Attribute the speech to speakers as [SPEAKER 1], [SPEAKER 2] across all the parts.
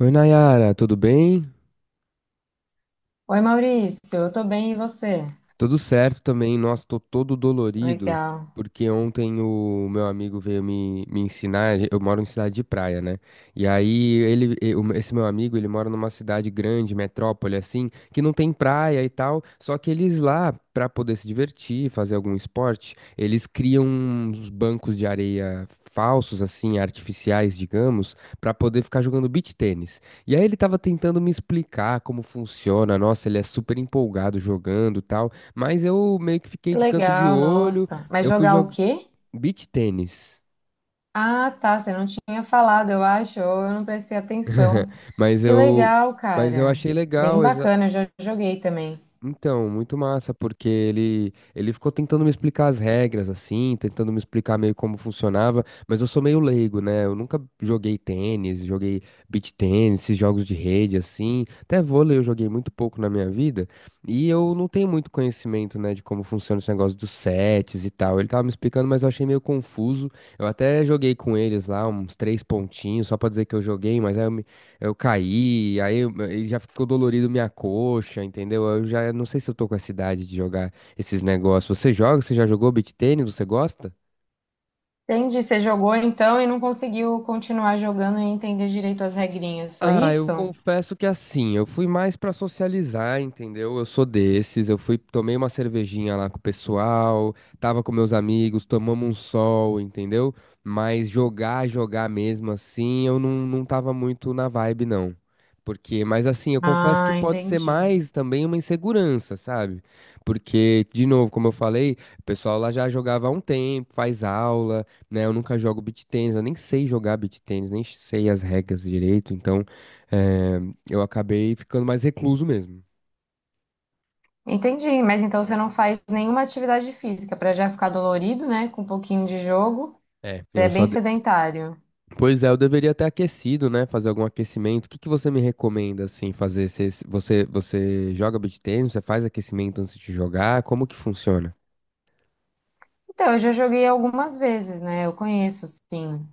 [SPEAKER 1] Oi, Nayara, tudo bem?
[SPEAKER 2] Oi, Maurício, eu tô bem e você?
[SPEAKER 1] Tudo certo também, nossa, tô todo dolorido,
[SPEAKER 2] Legal.
[SPEAKER 1] porque ontem o meu amigo veio me ensinar, eu moro em cidade de praia, né? E aí ele, esse meu amigo, ele mora numa cidade grande, metrópole assim, que não tem praia e tal, só que eles lá, pra poder se divertir, fazer algum esporte, eles criam uns bancos de areia falsos assim, artificiais, digamos, pra poder ficar jogando beach tênis. E aí ele tava tentando me explicar como funciona, nossa, ele é super empolgado jogando, e tal. Mas eu meio que fiquei
[SPEAKER 2] Que
[SPEAKER 1] de canto de
[SPEAKER 2] legal,
[SPEAKER 1] olho.
[SPEAKER 2] nossa. Mas
[SPEAKER 1] Eu fui
[SPEAKER 2] jogar o
[SPEAKER 1] jogar
[SPEAKER 2] quê?
[SPEAKER 1] beach tênis.
[SPEAKER 2] Ah, tá, você não tinha falado, eu acho, ou eu não prestei atenção.
[SPEAKER 1] Mas
[SPEAKER 2] Que
[SPEAKER 1] eu,
[SPEAKER 2] legal,
[SPEAKER 1] mas eu
[SPEAKER 2] cara.
[SPEAKER 1] achei legal.
[SPEAKER 2] Bem bacana, eu já joguei também.
[SPEAKER 1] Então, muito massa, porque ele ficou tentando me explicar as regras, assim, tentando me explicar meio como funcionava, mas eu sou meio leigo, né? Eu nunca joguei tênis, joguei beach tênis, esses jogos de rede, assim. Até vôlei eu joguei muito pouco na minha vida, e eu não tenho muito conhecimento, né, de como funciona esse negócio dos sets e tal. Ele tava me explicando, mas eu achei meio confuso. Eu até joguei com eles lá, uns três pontinhos, só pra dizer que eu joguei, mas eu caí, aí já ficou dolorido minha coxa, entendeu? Eu já não sei se eu tô com essa idade de jogar esses negócios. Você joga? Você já jogou beach tênis? Você gosta?
[SPEAKER 2] Entendi, você jogou então e não conseguiu continuar jogando e entender direito as regrinhas, foi
[SPEAKER 1] Ah, eu
[SPEAKER 2] isso?
[SPEAKER 1] confesso que assim, eu fui mais pra socializar, entendeu? Eu sou desses, eu fui, tomei uma cervejinha lá com o pessoal, tava com meus amigos, tomamos um sol, entendeu? Mas jogar, jogar mesmo assim, eu não tava muito na vibe, não. Porque, mas assim, eu confesso que
[SPEAKER 2] Ah,
[SPEAKER 1] pode ser
[SPEAKER 2] entendi.
[SPEAKER 1] mais também uma insegurança, sabe? Porque, de novo, como eu falei, o pessoal lá já jogava há um tempo, faz aula, né? Eu nunca jogo beach tennis, eu nem sei jogar beach tennis, nem sei as regras direito, então. É, eu acabei ficando mais recluso mesmo.
[SPEAKER 2] Entendi, mas então você não faz nenhuma atividade física para já ficar dolorido, né? Com um pouquinho de jogo.
[SPEAKER 1] É.
[SPEAKER 2] Você é bem sedentário.
[SPEAKER 1] Pois é, eu deveria ter aquecido, né? Fazer algum aquecimento. O que que você me recomenda, assim, fazer? Você joga beach tennis? Você faz aquecimento antes de jogar? Como que funciona?
[SPEAKER 2] Então, eu já joguei algumas vezes, né? Eu conheço, assim,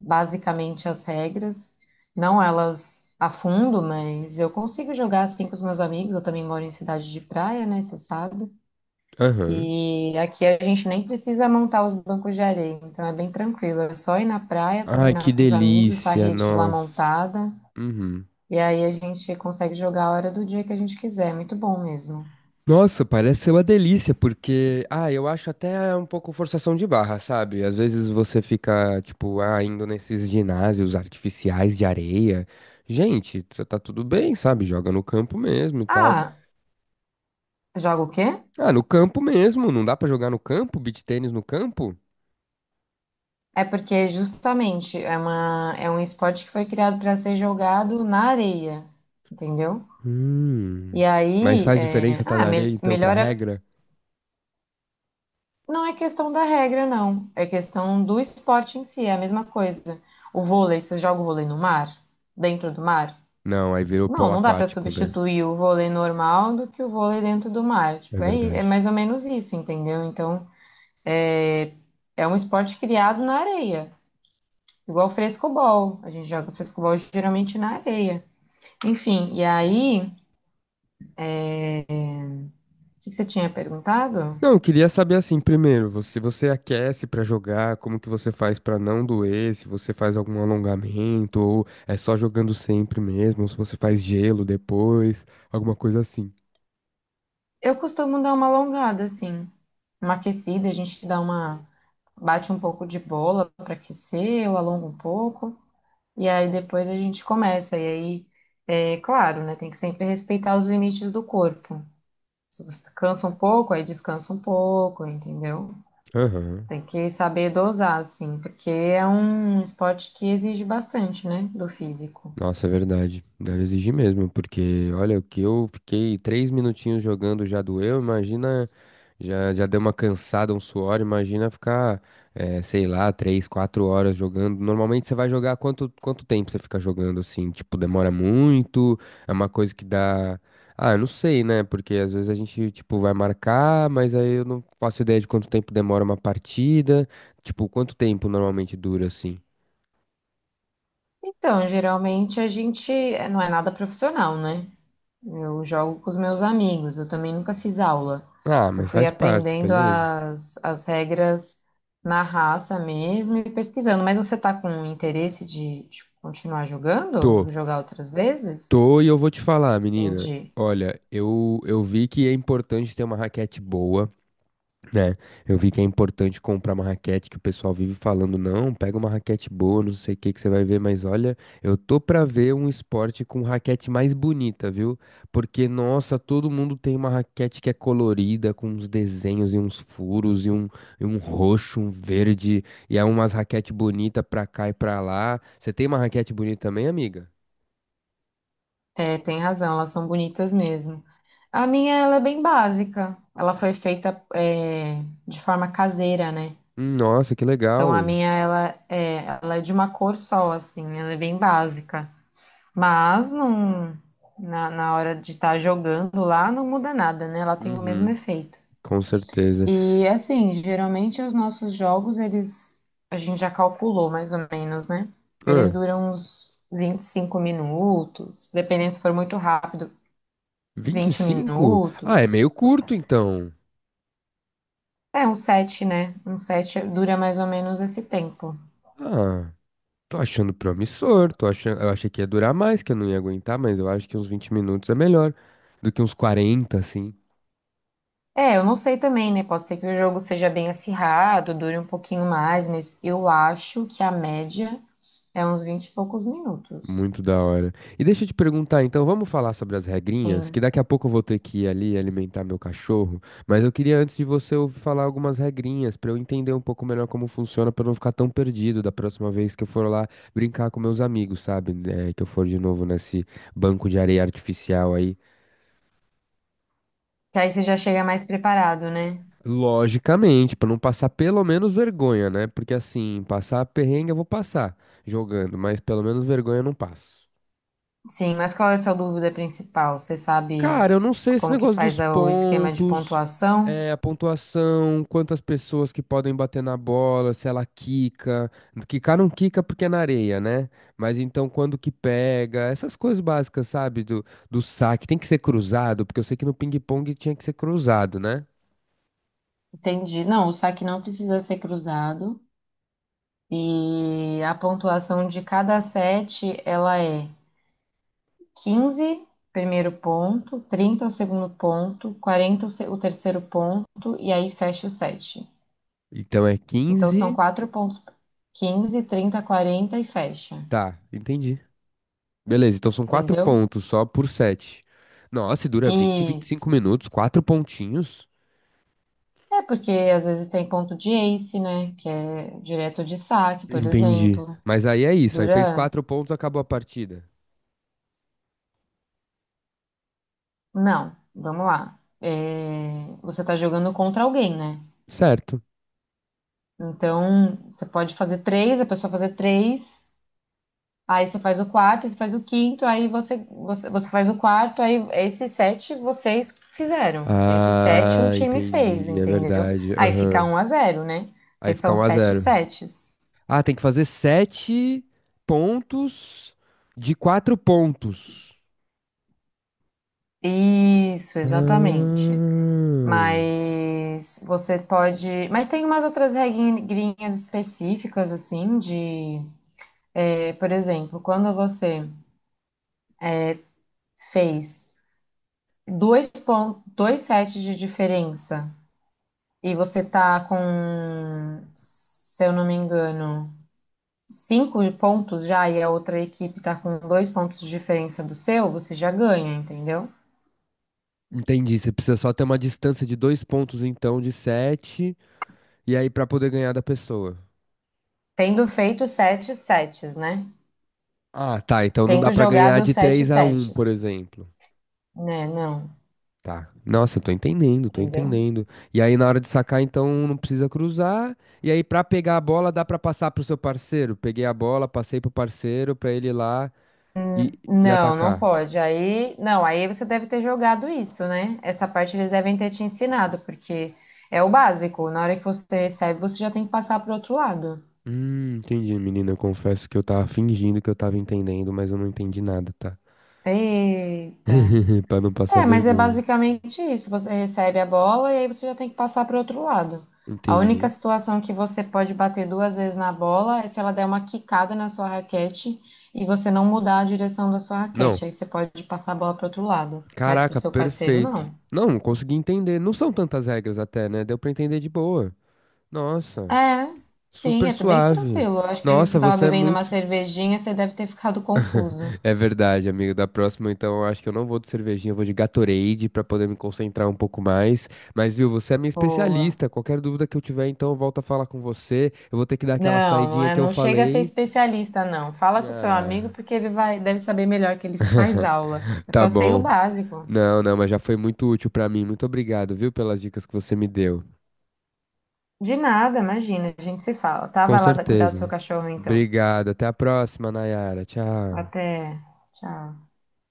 [SPEAKER 2] basicamente as regras, não elas a fundo, mas eu consigo jogar assim com os meus amigos. Eu também moro em cidade de praia, né? Você sabe.
[SPEAKER 1] Aham.
[SPEAKER 2] E aqui a gente nem precisa montar os bancos de areia, então é bem tranquilo. É só ir na praia,
[SPEAKER 1] Ai, que
[SPEAKER 2] combinar com os amigos, tá a
[SPEAKER 1] delícia,
[SPEAKER 2] rede lá
[SPEAKER 1] nossa.
[SPEAKER 2] montada,
[SPEAKER 1] Uhum.
[SPEAKER 2] e aí a gente consegue jogar a hora do dia que a gente quiser. É muito bom mesmo.
[SPEAKER 1] Nossa, parece ser uma delícia, porque, ah, eu acho até um pouco forçação de barra, sabe? Às vezes você fica, tipo, ah, indo nesses ginásios artificiais de areia. Gente, tá tudo bem, sabe? Joga no campo mesmo e tal.
[SPEAKER 2] Ah, joga o quê?
[SPEAKER 1] Ah, no campo mesmo, não dá pra jogar no campo? Beach tênis no campo?
[SPEAKER 2] É porque justamente é uma, é um esporte que foi criado para ser jogado na areia, entendeu? E
[SPEAKER 1] Hum.
[SPEAKER 2] aí,
[SPEAKER 1] Mas faz diferença tá na areia, então, pra
[SPEAKER 2] melhor é,
[SPEAKER 1] regra?
[SPEAKER 2] não é questão da regra, não. É questão do esporte em si, é a mesma coisa. O vôlei, você joga o vôlei no mar? Dentro do mar?
[SPEAKER 1] Não, aí virou
[SPEAKER 2] Não,
[SPEAKER 1] polo
[SPEAKER 2] não dá para
[SPEAKER 1] aquático, né?
[SPEAKER 2] substituir o vôlei normal do que o vôlei dentro do mar.
[SPEAKER 1] É
[SPEAKER 2] Tipo, é
[SPEAKER 1] verdade.
[SPEAKER 2] mais ou menos isso, entendeu? Então, é é um esporte criado na areia, igual o frescobol. A gente joga frescobol geralmente na areia. Enfim, e aí, o que que você tinha perguntado?
[SPEAKER 1] Não, eu queria saber assim, primeiro, você aquece pra jogar, como que você faz pra não doer, se você faz algum alongamento, ou é só jogando sempre mesmo, ou se você faz gelo depois, alguma coisa assim.
[SPEAKER 2] Eu costumo dar uma alongada, assim, uma aquecida, a gente dá uma, bate um pouco de bola para aquecer, eu alongo um pouco, e aí depois a gente começa. E aí, é claro, né, tem que sempre respeitar os limites do corpo. Se você cansa um pouco, aí descansa um pouco, entendeu?
[SPEAKER 1] Aham.
[SPEAKER 2] Tem que saber dosar, assim, porque é um esporte que exige bastante, né, do físico.
[SPEAKER 1] Nossa, é verdade. Deve exigir mesmo, porque olha, o que eu fiquei 3 minutinhos jogando já doeu, imagina, já deu uma cansada, um suor, imagina ficar, sei lá, 3, 4 horas jogando. Normalmente você vai jogar quanto tempo você fica jogando assim? Tipo, demora muito? É uma coisa que dá. Ah, eu não sei, né? Porque às vezes a gente, tipo, vai marcar, mas aí eu não faço ideia de quanto tempo demora uma partida. Tipo, quanto tempo normalmente dura assim?
[SPEAKER 2] Então, geralmente a gente não é nada profissional, né? Eu jogo com os meus amigos, eu também nunca fiz aula.
[SPEAKER 1] Ah,
[SPEAKER 2] Eu
[SPEAKER 1] mas
[SPEAKER 2] fui
[SPEAKER 1] faz parte,
[SPEAKER 2] aprendendo
[SPEAKER 1] beleza.
[SPEAKER 2] as regras na raça mesmo e pesquisando. Mas você tá com interesse de continuar jogando?
[SPEAKER 1] tô
[SPEAKER 2] Jogar outras vezes?
[SPEAKER 1] Tô e eu vou te falar, menina.
[SPEAKER 2] Entendi.
[SPEAKER 1] Olha, eu vi que é importante ter uma raquete boa, né? Eu vi que é importante comprar uma raquete que o pessoal vive falando, não, pega uma raquete boa, não sei o que que você vai ver, mas olha, eu tô pra ver um esporte com raquete mais bonita, viu? Porque, nossa, todo mundo tem uma raquete que é colorida, com uns desenhos e uns furos e um, roxo, um verde, e é umas raquete bonita pra cá e pra lá. Você tem uma raquete bonita também, amiga?
[SPEAKER 2] É, tem razão, elas são bonitas mesmo. A minha, ela é bem básica. Ela foi feita, de forma caseira, né?
[SPEAKER 1] Nossa, que
[SPEAKER 2] Então a
[SPEAKER 1] legal.
[SPEAKER 2] minha ela é de uma cor só, assim, ela é bem básica. Mas não, na hora de estar jogando lá não muda nada, né? Ela tem o mesmo
[SPEAKER 1] Uhum,
[SPEAKER 2] efeito.
[SPEAKER 1] com certeza.
[SPEAKER 2] E assim, geralmente os nossos jogos, eles a gente já calculou mais ou menos, né? Eles
[SPEAKER 1] Ah,
[SPEAKER 2] duram uns 25 minutos, dependendo se for muito rápido,
[SPEAKER 1] vinte e
[SPEAKER 2] 20
[SPEAKER 1] cinco. Ah, é
[SPEAKER 2] minutos.
[SPEAKER 1] meio curto então.
[SPEAKER 2] É, um set, né? Um set dura mais ou menos esse tempo.
[SPEAKER 1] Ah, tô achando promissor, tô achando, eu achei que ia durar mais, que eu não ia aguentar, mas eu acho que uns 20 minutos é melhor do que uns 40, assim.
[SPEAKER 2] É, eu não sei também, né? Pode ser que o jogo seja bem acirrado, dure um pouquinho mais, mas eu acho que a média é uns 20 e poucos minutos.
[SPEAKER 1] Muito da hora. E deixa eu te perguntar, então, vamos falar sobre as regrinhas, que
[SPEAKER 2] Sim.
[SPEAKER 1] daqui a pouco eu vou ter que ir ali alimentar meu cachorro, mas eu queria antes de você ouvir falar algumas regrinhas pra eu entender um pouco melhor como funciona, pra eu não ficar tão perdido da próxima vez que eu for lá brincar com meus amigos, sabe? É, que eu for de novo nesse banco de areia artificial aí.
[SPEAKER 2] Que aí você já chega mais preparado, né?
[SPEAKER 1] Logicamente, pra não passar pelo menos vergonha, né? Porque assim, passar perrengue eu vou passar jogando, mas pelo menos vergonha eu não passo.
[SPEAKER 2] Sim, mas qual é a sua dúvida principal? Você sabe
[SPEAKER 1] Cara, eu não sei esse
[SPEAKER 2] como que
[SPEAKER 1] negócio dos
[SPEAKER 2] faz o esquema de
[SPEAKER 1] pontos,
[SPEAKER 2] pontuação?
[SPEAKER 1] é, a pontuação, quantas pessoas que podem bater na bola, se ela quica. Quicar não quica porque é na areia, né? Mas então quando que pega, essas coisas básicas, sabe? Do saque. Tem que ser cruzado, porque eu sei que no ping-pong tinha que ser cruzado, né?
[SPEAKER 2] Entendi. Não, o saque não precisa ser cruzado. E a pontuação de cada set, ela é 15 primeiro ponto, 30 o segundo ponto, 40 o terceiro ponto, e aí fecha o set.
[SPEAKER 1] Então é
[SPEAKER 2] Então são
[SPEAKER 1] 15.
[SPEAKER 2] quatro pontos: 15, 30, 40 e fecha.
[SPEAKER 1] Tá, entendi. Beleza, então são quatro
[SPEAKER 2] Entendeu?
[SPEAKER 1] pontos só por sete. Nossa, e dura vinte, vinte e cinco
[SPEAKER 2] Isso.
[SPEAKER 1] minutos, quatro pontinhos.
[SPEAKER 2] É porque às vezes tem ponto de ace, né? Que é direto de saque, por
[SPEAKER 1] Entendi.
[SPEAKER 2] exemplo.
[SPEAKER 1] Mas aí é isso. Aí fez
[SPEAKER 2] Duran.
[SPEAKER 1] quatro pontos, acabou a partida.
[SPEAKER 2] Não, vamos lá. Você tá jogando contra alguém, né?
[SPEAKER 1] Certo.
[SPEAKER 2] Então, você pode fazer três, a pessoa fazer três. Aí você faz o quarto, você faz o quinto, aí você faz o quarto, aí esses sete vocês fizeram. Esses sete um
[SPEAKER 1] Ah,
[SPEAKER 2] time fez,
[SPEAKER 1] entendi. É
[SPEAKER 2] entendeu?
[SPEAKER 1] verdade.
[SPEAKER 2] Aí fica
[SPEAKER 1] Aham.
[SPEAKER 2] um a zero, né? Porque
[SPEAKER 1] Aí fica
[SPEAKER 2] são
[SPEAKER 1] um a
[SPEAKER 2] sete
[SPEAKER 1] zero.
[SPEAKER 2] sets.
[SPEAKER 1] Ah, tem que fazer sete pontos de quatro pontos.
[SPEAKER 2] Isso,
[SPEAKER 1] Ah,
[SPEAKER 2] exatamente. Mas você pode. Mas tem umas outras regrinhas específicas, assim, de. Por exemplo, quando você fez dois sets de diferença. E você tá com, se eu não me engano, cinco pontos já e a outra equipe tá com dois pontos de diferença do seu, você já ganha, entendeu?
[SPEAKER 1] entendi. Você precisa só ter uma distância de dois pontos, então, de sete, e aí pra poder ganhar da pessoa.
[SPEAKER 2] Tendo feito sete sets, né?
[SPEAKER 1] Ah, tá. Então não dá
[SPEAKER 2] Tendo
[SPEAKER 1] pra
[SPEAKER 2] jogado
[SPEAKER 1] ganhar
[SPEAKER 2] os
[SPEAKER 1] de
[SPEAKER 2] sete
[SPEAKER 1] 3 a 1, por
[SPEAKER 2] sets,
[SPEAKER 1] exemplo.
[SPEAKER 2] né? Não,
[SPEAKER 1] Tá. Nossa, eu tô entendendo, tô
[SPEAKER 2] entendeu?
[SPEAKER 1] entendendo. E aí na hora de sacar, então um não precisa cruzar. E aí pra pegar a bola dá pra passar pro seu parceiro. Peguei a bola, passei pro parceiro pra ele ir lá e, e
[SPEAKER 2] Não, não
[SPEAKER 1] atacar.
[SPEAKER 2] pode. Aí, não, aí você deve ter jogado isso, né? Essa parte eles devem ter te ensinado, porque é o básico. Na hora que você recebe, você já tem que passar pro outro lado.
[SPEAKER 1] Entendi, menina. Eu confesso que eu tava fingindo que eu tava entendendo, mas eu não entendi nada, tá?
[SPEAKER 2] Eita.
[SPEAKER 1] Pra não passar
[SPEAKER 2] É, mas é
[SPEAKER 1] vergonha.
[SPEAKER 2] basicamente isso. Você recebe a bola e aí você já tem que passar para o outro lado. A única
[SPEAKER 1] Entendi.
[SPEAKER 2] situação que você pode bater duas vezes na bola é se ela der uma quicada na sua raquete e você não mudar a direção da sua
[SPEAKER 1] Não,
[SPEAKER 2] raquete. Aí você pode passar a bola para o outro lado, mas para o
[SPEAKER 1] caraca,
[SPEAKER 2] seu parceiro
[SPEAKER 1] perfeito.
[SPEAKER 2] não.
[SPEAKER 1] Não, não consegui entender. Não são tantas regras até, né? Deu pra entender de boa. Nossa,
[SPEAKER 2] É, sim,
[SPEAKER 1] super
[SPEAKER 2] é bem
[SPEAKER 1] suave.
[SPEAKER 2] tranquilo. Eu acho que você
[SPEAKER 1] Nossa,
[SPEAKER 2] estava
[SPEAKER 1] você é
[SPEAKER 2] bebendo uma
[SPEAKER 1] muito.
[SPEAKER 2] cervejinha, você deve ter ficado confuso.
[SPEAKER 1] É verdade, amigo. Da próxima, então, eu acho que eu não vou de cervejinha, eu vou de Gatorade pra poder me concentrar um pouco mais. Mas, viu, você é minha
[SPEAKER 2] Boa.
[SPEAKER 1] especialista. Qualquer dúvida que eu tiver, então, eu volto a falar com você. Eu vou ter que dar aquela
[SPEAKER 2] Não, não
[SPEAKER 1] saidinha
[SPEAKER 2] é,
[SPEAKER 1] que eu
[SPEAKER 2] não chega a ser
[SPEAKER 1] falei.
[SPEAKER 2] especialista, não. Fala com o seu amigo
[SPEAKER 1] Ah,
[SPEAKER 2] porque ele vai, deve saber melhor que ele faz aula. Eu
[SPEAKER 1] tá
[SPEAKER 2] só sei o
[SPEAKER 1] bom.
[SPEAKER 2] básico.
[SPEAKER 1] Não, não, mas já foi muito útil pra mim. Muito obrigado, viu, pelas dicas que você me deu.
[SPEAKER 2] De nada, imagina, a gente se fala. Tá,
[SPEAKER 1] Com
[SPEAKER 2] vai lá cuidar do seu
[SPEAKER 1] certeza.
[SPEAKER 2] cachorro então.
[SPEAKER 1] Obrigado. Até a próxima, Nayara. Tchau.
[SPEAKER 2] Até. Tchau.